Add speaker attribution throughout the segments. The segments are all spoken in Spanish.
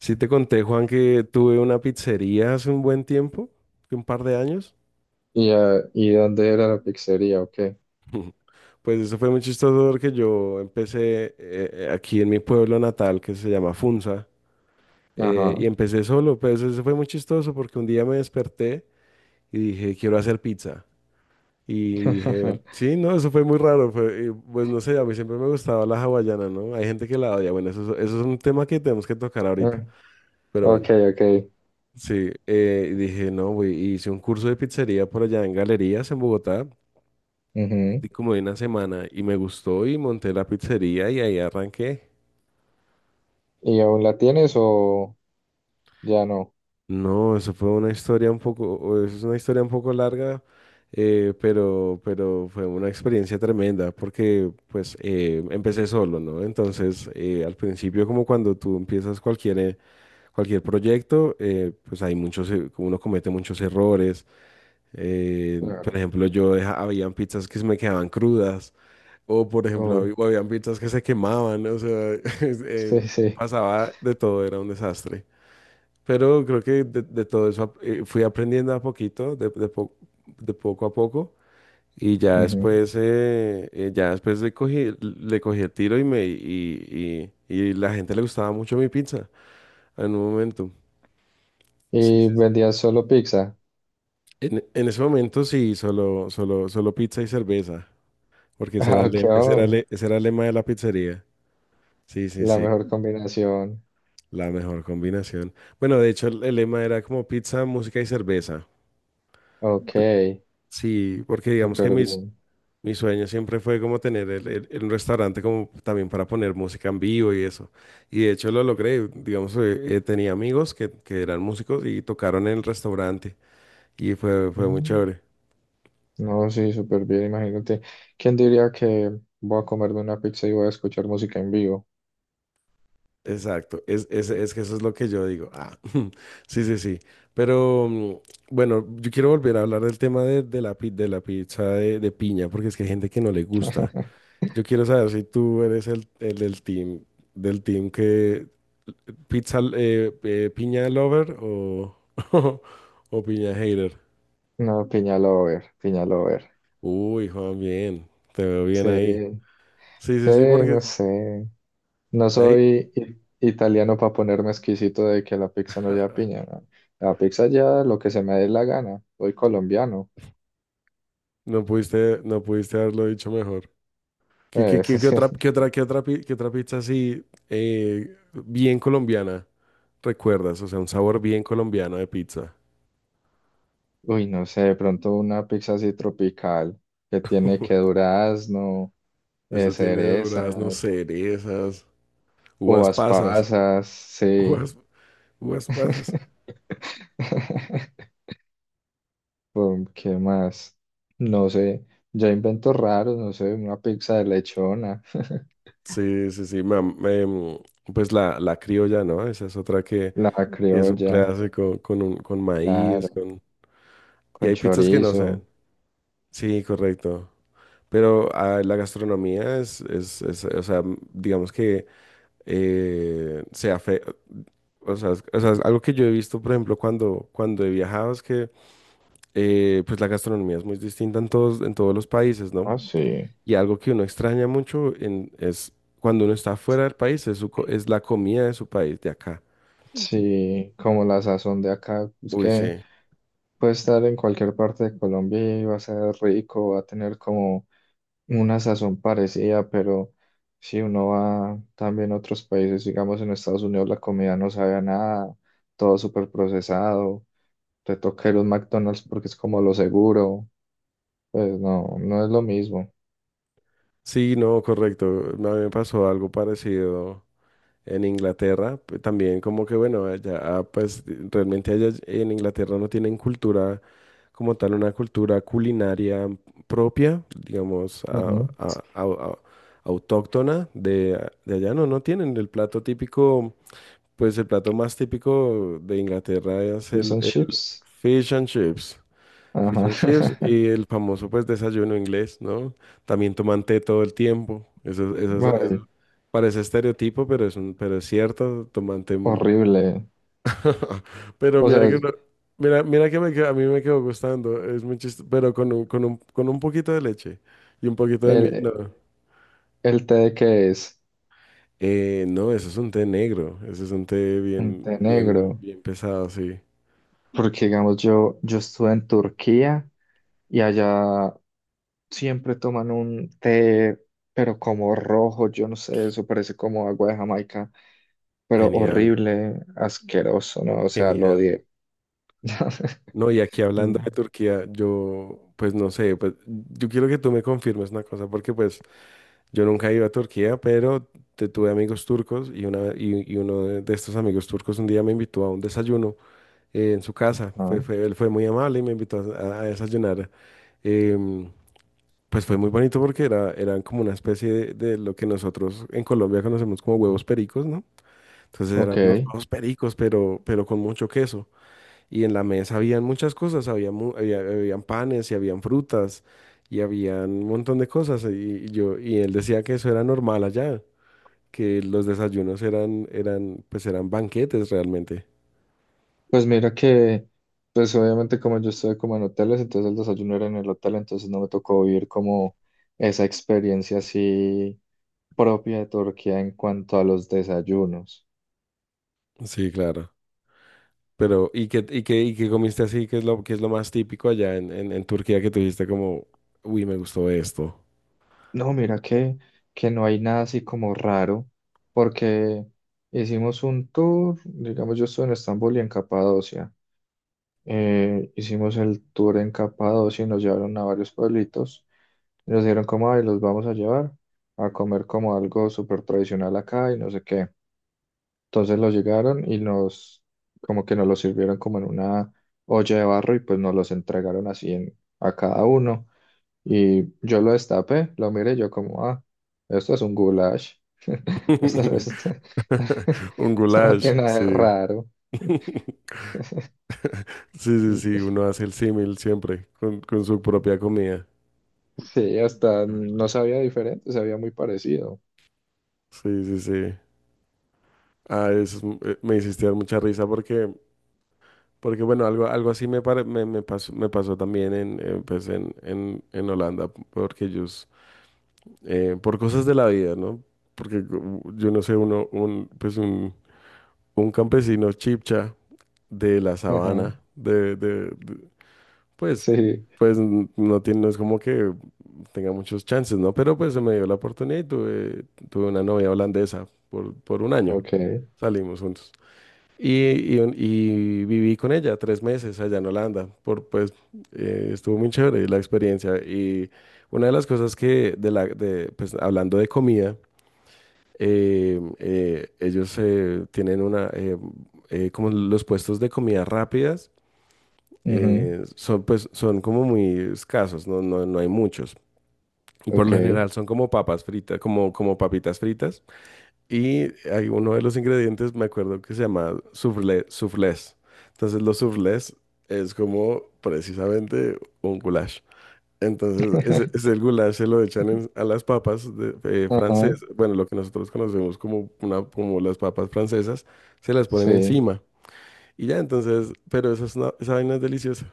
Speaker 1: Sí te conté, Juan, que tuve una pizzería hace un buen tiempo, que un par de años.
Speaker 2: ¿Y dónde era la pizzería? Ok.
Speaker 1: Pues eso fue muy chistoso porque yo empecé aquí en mi pueblo natal, que se llama Funza. Y
Speaker 2: Ajá.
Speaker 1: empecé solo. Pues eso fue muy chistoso porque un día me desperté y dije, quiero hacer pizza. Y dije, sí, no, eso fue muy raro. Y, pues no sé, a mí siempre me gustaba la hawaiana, ¿no? Hay gente que la odia. Bueno, eso, eso es un tema que tenemos que tocar ahorita,
Speaker 2: Ah,
Speaker 1: pero
Speaker 2: ok,
Speaker 1: bueno.
Speaker 2: ok.
Speaker 1: Sí, y dije, no, güey, hice un curso de pizzería por allá en Galerías, en Bogotá,
Speaker 2: Ujú.
Speaker 1: de como de una semana, y me gustó y monté la pizzería y ahí arranqué.
Speaker 2: ¿Y aún la tienes o ya no?
Speaker 1: No, eso fue una historia un poco, o es una historia un poco larga, pero fue una experiencia tremenda porque pues empecé solo, ¿no? Entonces, al principio como cuando tú empiezas cualquier, cualquier proyecto, pues hay muchos, uno comete muchos errores. Por
Speaker 2: Claro.
Speaker 1: ejemplo, yo habían pizzas que se me quedaban crudas, o por ejemplo,
Speaker 2: Uy.
Speaker 1: hab- o habían pizzas que se quemaban, o sea, es-
Speaker 2: Sí,
Speaker 1: eh,
Speaker 2: sí.
Speaker 1: pasaba de todo, era un desastre. Pero creo que de todo eso fui aprendiendo a poquito, de poco a poco, y
Speaker 2: Ujú.
Speaker 1: ya después le cogí el tiro y y la gente le gustaba mucho mi pizza en un momento. Sí,
Speaker 2: ¿Y
Speaker 1: sí, sí.
Speaker 2: vendías solo pizza?
Speaker 1: En ese momento sí, solo, solo, solo pizza y cerveza. Porque ese era
Speaker 2: Ah, ok,
Speaker 1: ese era
Speaker 2: oh,
Speaker 1: ese era el lema de la pizzería. Sí, sí,
Speaker 2: la
Speaker 1: sí.
Speaker 2: mejor combinación.
Speaker 1: La mejor combinación. Bueno, de hecho, el lema era como pizza, música y cerveza.
Speaker 2: Ok,
Speaker 1: Por- Sí, porque digamos que
Speaker 2: súper
Speaker 1: mis,
Speaker 2: bien.
Speaker 1: mi sueño siempre fue como tener un restaurante como también para poner música en vivo y eso. Y de hecho lo logré. Digamos, tenía amigos que eran músicos y tocaron en el restaurante. Y fue, fue muy
Speaker 2: Mm.
Speaker 1: chévere.
Speaker 2: No, sí, súper bien. Imagínate, ¿quién diría que voy a comerme una pizza y voy a escuchar música en vivo?
Speaker 1: Exacto, es que eso es lo que yo digo. Ah, sí, sí, sí. Pero bueno, yo quiero volver a hablar del tema de, de la pizza de piña, porque es que hay gente que no le gusta. Yo quiero saber si tú eres el del team que pizza piña lover o, o piña hater.
Speaker 2: No, piña lover, piña lover.
Speaker 1: Uy, Juan, bien, te veo bien
Speaker 2: Sí.
Speaker 1: ahí. Sí,
Speaker 2: Sí,
Speaker 1: sí, sí,
Speaker 2: no
Speaker 1: porque
Speaker 2: sé. No
Speaker 1: ahí
Speaker 2: soy i- italiano para ponerme exquisito de que la pizza no lleva piña, ¿no? La pizza lleva lo que se me dé la gana. Soy colombiano.
Speaker 1: no pudiste, no pudiste haberlo dicho mejor. ¿Qué,
Speaker 2: Pues,
Speaker 1: qué otra, qué otra, qué otra pizza así bien colombiana recuerdas? O sea, un sabor bien colombiano de pizza.
Speaker 2: uy, no sé, de pronto una pizza así tropical que tiene
Speaker 1: Uy,
Speaker 2: que durazno,
Speaker 1: eso tiene duraznos,
Speaker 2: cerezas,
Speaker 1: cerezas, uvas
Speaker 2: uvas
Speaker 1: pasas.
Speaker 2: pasas, sí.
Speaker 1: Uvas, uvas pasas.
Speaker 2: ¿Qué más? No sé. Ya inventos raros, no sé, una pizza de lechona,
Speaker 1: Sí, sí, sí. Pues la criolla, ¿no? Esa es otra
Speaker 2: la
Speaker 1: que es un
Speaker 2: criolla.
Speaker 1: clásico con, un, con maíz,
Speaker 2: Claro,
Speaker 1: con... Y
Speaker 2: con
Speaker 1: hay pizzas que no saben.
Speaker 2: chorizo.
Speaker 1: Sí, correcto. Pero la gastronomía es, o sea, digamos que... eh, sea fe- O sea, es algo que yo he visto, por ejemplo, cuando, cuando he viajado es que pues la gastronomía es muy distinta en todos los países, ¿no?
Speaker 2: Ah, sí.
Speaker 1: Y algo que uno extraña mucho es cuando uno está fuera del país, es, es la comida de su país, de acá.
Speaker 2: Sí, como la sazón de acá, es
Speaker 1: Uy,
Speaker 2: que
Speaker 1: sí.
Speaker 2: puede estar en cualquier parte de Colombia y va a ser rico, va a tener como una sazón parecida, pero si uno va también a otros países, digamos en Estados Unidos, la comida no sabe a nada, todo súper procesado, te toca ir a un McDonald's porque es como lo seguro, pues no, no es lo mismo.
Speaker 1: Sí, no, correcto. A mí me pasó algo parecido en Inglaterra, también como que bueno, allá pues realmente allá en Inglaterra no tienen cultura como tal, una cultura culinaria propia, digamos,
Speaker 2: Ujú.
Speaker 1: a- a- a- autóctona de allá, no, no tienen el plato típico, pues el plato más típico de Inglaterra es
Speaker 2: ¿Fish and
Speaker 1: el
Speaker 2: chips?
Speaker 1: fish and chips. Fish and chips
Speaker 2: Ajá.
Speaker 1: y el famoso pues desayuno inglés, ¿no? También toman té todo el tiempo. Eso,
Speaker 2: Ay,
Speaker 1: parece estereotipo, pero es un, pero es cierto, tomante.
Speaker 2: horrible.
Speaker 1: Pero
Speaker 2: O
Speaker 1: mira
Speaker 2: sea,
Speaker 1: que no- mira, mira que a mí me quedó gustando, es muy chistoso, pero con un, con un, con un poquito de leche y un poquito de mi, no.
Speaker 2: el, el té de qué es
Speaker 1: No, eso es un té negro, eso es un té
Speaker 2: un
Speaker 1: bien,
Speaker 2: té negro,
Speaker 1: bien, bien pesado, sí.
Speaker 2: porque digamos yo, yo estuve en Turquía y allá siempre toman un té, pero como rojo, yo no sé, eso parece como agua de Jamaica, pero
Speaker 1: Genial,
Speaker 2: horrible, asqueroso, ¿no? O sea, lo
Speaker 1: genial.
Speaker 2: odié.
Speaker 1: No, y aquí hablando
Speaker 2: Mm.
Speaker 1: de Turquía, yo, pues no sé, pues yo quiero que tú me confirmes una cosa, porque pues yo nunca he ido a Turquía, pero tuve amigos turcos y, una, y uno de estos amigos turcos un día me invitó a un desayuno en su casa. Fue,
Speaker 2: Ah,
Speaker 1: él fue muy amable y me invitó a desayunar. Em, pues fue muy bonito porque era, eran como una especie de lo que nosotros en Colombia conocemos como huevos pericos, ¿no? Entonces eran
Speaker 2: ok.
Speaker 1: unos huevos pericos, pero con mucho queso. Y en la mesa habían muchas cosas, había, habían panes y habían frutas y habían un montón de cosas. Y yo, y él decía que eso era normal allá, que los desayunos eran, eran, pues eran banquetes realmente.
Speaker 2: Pues mira que, pues obviamente como yo estuve como en hoteles, entonces el desayuno era en el hotel, entonces no me tocó vivir como esa experiencia así propia de Turquía en cuanto a los desayunos.
Speaker 1: Sí, claro. Pero, ¿y qué, y qué, y qué comiste así? Qué es lo más típico allá en Turquía que tuviste como, uy, me gustó esto?
Speaker 2: No, mira que no hay nada así como raro, porque hicimos un tour, digamos, yo estuve en Estambul y en Capadocia. Hicimos el tour en Capadocia y nos llevaron a varios pueblitos. Y nos dijeron como, ay, los vamos a llevar a comer como algo súper tradicional acá y no sé qué. Entonces los llegaron y nos, como que nos los sirvieron como en una olla de barro y pues nos los entregaron así en, a cada uno. Y yo lo destapé, lo miré, y yo como, ah, esto es un goulash. Esto, no es-
Speaker 1: Un
Speaker 2: esto no
Speaker 1: goulash,
Speaker 2: tiene nada de
Speaker 1: sí.
Speaker 2: raro.
Speaker 1: Sí, sí, sí, uno hace el símil siempre con su propia comida.
Speaker 2: Sí, hasta no sabía diferente, sabía muy parecido.
Speaker 1: Sí, sí, sí. Ah, eso es me hiciste dar mucha risa porque, porque bueno, algo, algo así me, me pasó también en, pues en Holanda, porque ellos por cosas de la vida, ¿no? Porque yo no sé, uno, un, pues un campesino chipcha de la
Speaker 2: Ajá,
Speaker 1: sabana, pues,
Speaker 2: sí,
Speaker 1: no tiene, no es como que tenga muchos chances, ¿no? Pero pues se me dio la oportunidad y tuve, tuve una novia holandesa por un año.
Speaker 2: ok,
Speaker 1: Salimos juntos. Y, y viví con ella tres meses allá en Holanda, por, pues estuvo muy chévere la experiencia. Y una de las cosas que, de la, de, pues hablando de comida, ellos tienen una, como los puestos de comida rápidas,
Speaker 2: ujú,
Speaker 1: son, pues, son como muy escasos, no, no, no hay muchos. Y por
Speaker 2: ok,
Speaker 1: lo general son como papas fritas, como, como papitas fritas y hay uno de los ingredientes, me acuerdo que se llama soufflé, soufflés. Entonces los soufflés es como precisamente un goulash. Entonces ese el goulash se lo echan a las papas de,
Speaker 2: ajá,
Speaker 1: francesas, bueno, lo que nosotros conocemos como, una, como las papas francesas, se las ponen
Speaker 2: sí,
Speaker 1: encima. Y ya, entonces, pero esa, es una- esa vaina es deliciosa.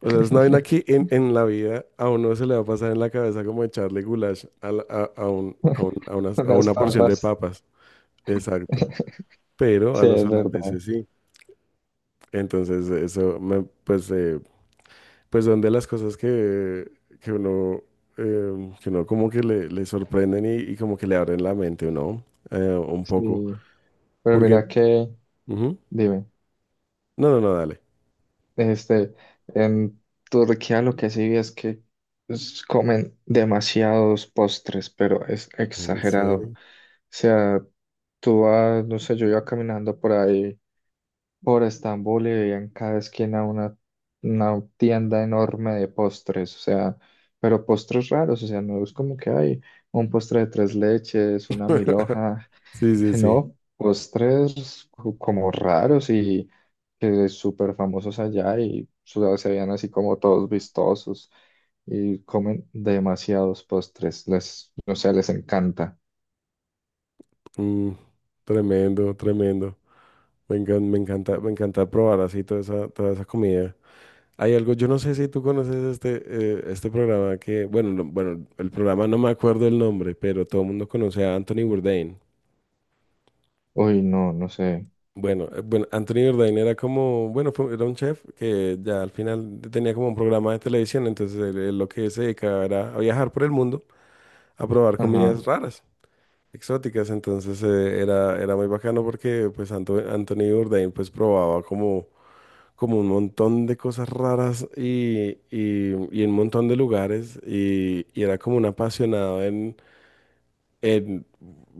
Speaker 1: O sea, es una vaina que en la vida a uno se le va a pasar en la cabeza como echarle goulash a, a a
Speaker 2: unas
Speaker 1: una porción de
Speaker 2: papas,
Speaker 1: papas. Exacto, pero a
Speaker 2: sí,
Speaker 1: los
Speaker 2: es verdad,
Speaker 1: holandeses sí. Entonces, eso, pues, pues son de las cosas que uno, que uno como que le sorprenden y como que le abren la mente, ¿no? Un poco,
Speaker 2: sí. Pero
Speaker 1: porque,
Speaker 2: mira que,
Speaker 1: ujú.
Speaker 2: dime,
Speaker 1: No, no, no, dale.
Speaker 2: este, en Turquía lo que sí vi es que comen demasiados postres, pero es
Speaker 1: ¿En
Speaker 2: exagerado. O
Speaker 1: serio?
Speaker 2: sea, tú vas, no sé, yo iba caminando por ahí. Por Estambul y veía en cada esquina una tienda enorme de postres, o sea, pero postres raros, o sea, no es como que hay un postre de tres leches, una milhoja,
Speaker 1: Sí, sí, sí.
Speaker 2: no, como raros y que súper famosos allá se veían así como todos vistosos y comen demasiados postres, les, o sea, les encanta.
Speaker 1: Mm, tremendo, tremendo. Me encanta, me encanta probar así toda esa comida. Hay algo, yo no sé si tú conoces este, este programa que, bueno, bueno, el programa no me acuerdo el nombre, pero todo el mundo conoce a Anthony Bourdain.
Speaker 2: Uy, no, no sé.
Speaker 1: Bueno, bueno, Anthony Bourdain era como, bueno, era un chef que ya al final tenía como un programa de televisión, entonces él lo que se dedicaba era a viajar por el mundo, a probar
Speaker 2: Ajá,
Speaker 1: comidas raras, exóticas, entonces era, era muy bacano porque pues Anthony Bourdain pues probaba como, como un montón de cosas raras y en un montón de lugares y era como un apasionado en,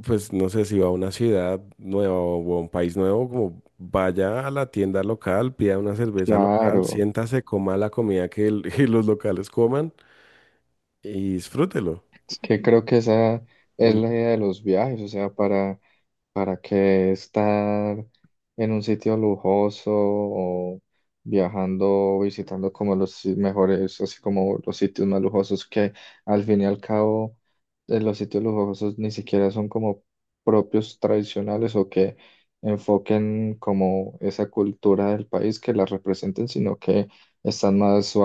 Speaker 1: pues no sé si va a una ciudad nueva o a un país nuevo, como vaya a la tienda local, pida una cerveza local,
Speaker 2: claro.
Speaker 1: siéntase, coma la comida que, que los locales coman y disfrútelo.
Speaker 2: Es que creo que esa es la
Speaker 1: Mm.
Speaker 2: idea de los viajes, o sea, para, ¿para qué estar en un sitio lujoso o viajando, visitando como los si- mejores, así como los sitios más lujosos que al fin y al cabo los sitios lujosos ni siquiera son como propios tradicionales o que enfoquen como esa cultura del país que la representen, sino que están más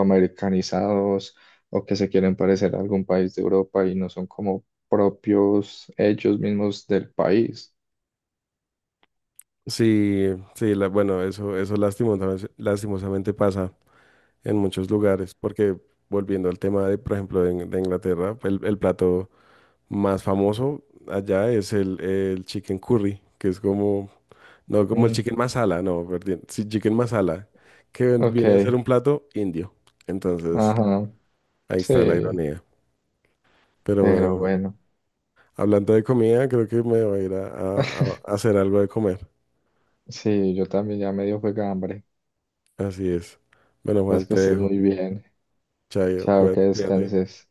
Speaker 2: o que se quieren parecer a algún país de Europa y no son como propios ellos mismos del país?
Speaker 1: Sí, sí, bueno, eso lastimosamente, lastimosamente pasa en muchos lugares porque... Volviendo al tema de, por ejemplo, de, de Inglaterra, el plato más famoso allá es el chicken curry, que es como, no como el
Speaker 2: Mm,
Speaker 1: chicken masala, no, perdón, sí, chicken masala, que
Speaker 2: ok,
Speaker 1: viene a ser un plato indio. Entonces,
Speaker 2: ajá,
Speaker 1: ahí está la
Speaker 2: sí,
Speaker 1: ironía. Pero bueno,
Speaker 2: pero
Speaker 1: bueno,
Speaker 2: bueno.
Speaker 1: hablando de comida, creo que me voy a ir a, a hacer algo de comer.
Speaker 2: Sí, yo también ya medio fue hambre.
Speaker 1: Así es. Bueno, Juan,
Speaker 2: Entonces que
Speaker 1: te
Speaker 2: estés
Speaker 1: dejo.
Speaker 2: muy bien.
Speaker 1: Chayo,
Speaker 2: Chao, que
Speaker 1: cuídate. Cuídate.
Speaker 2: descanses.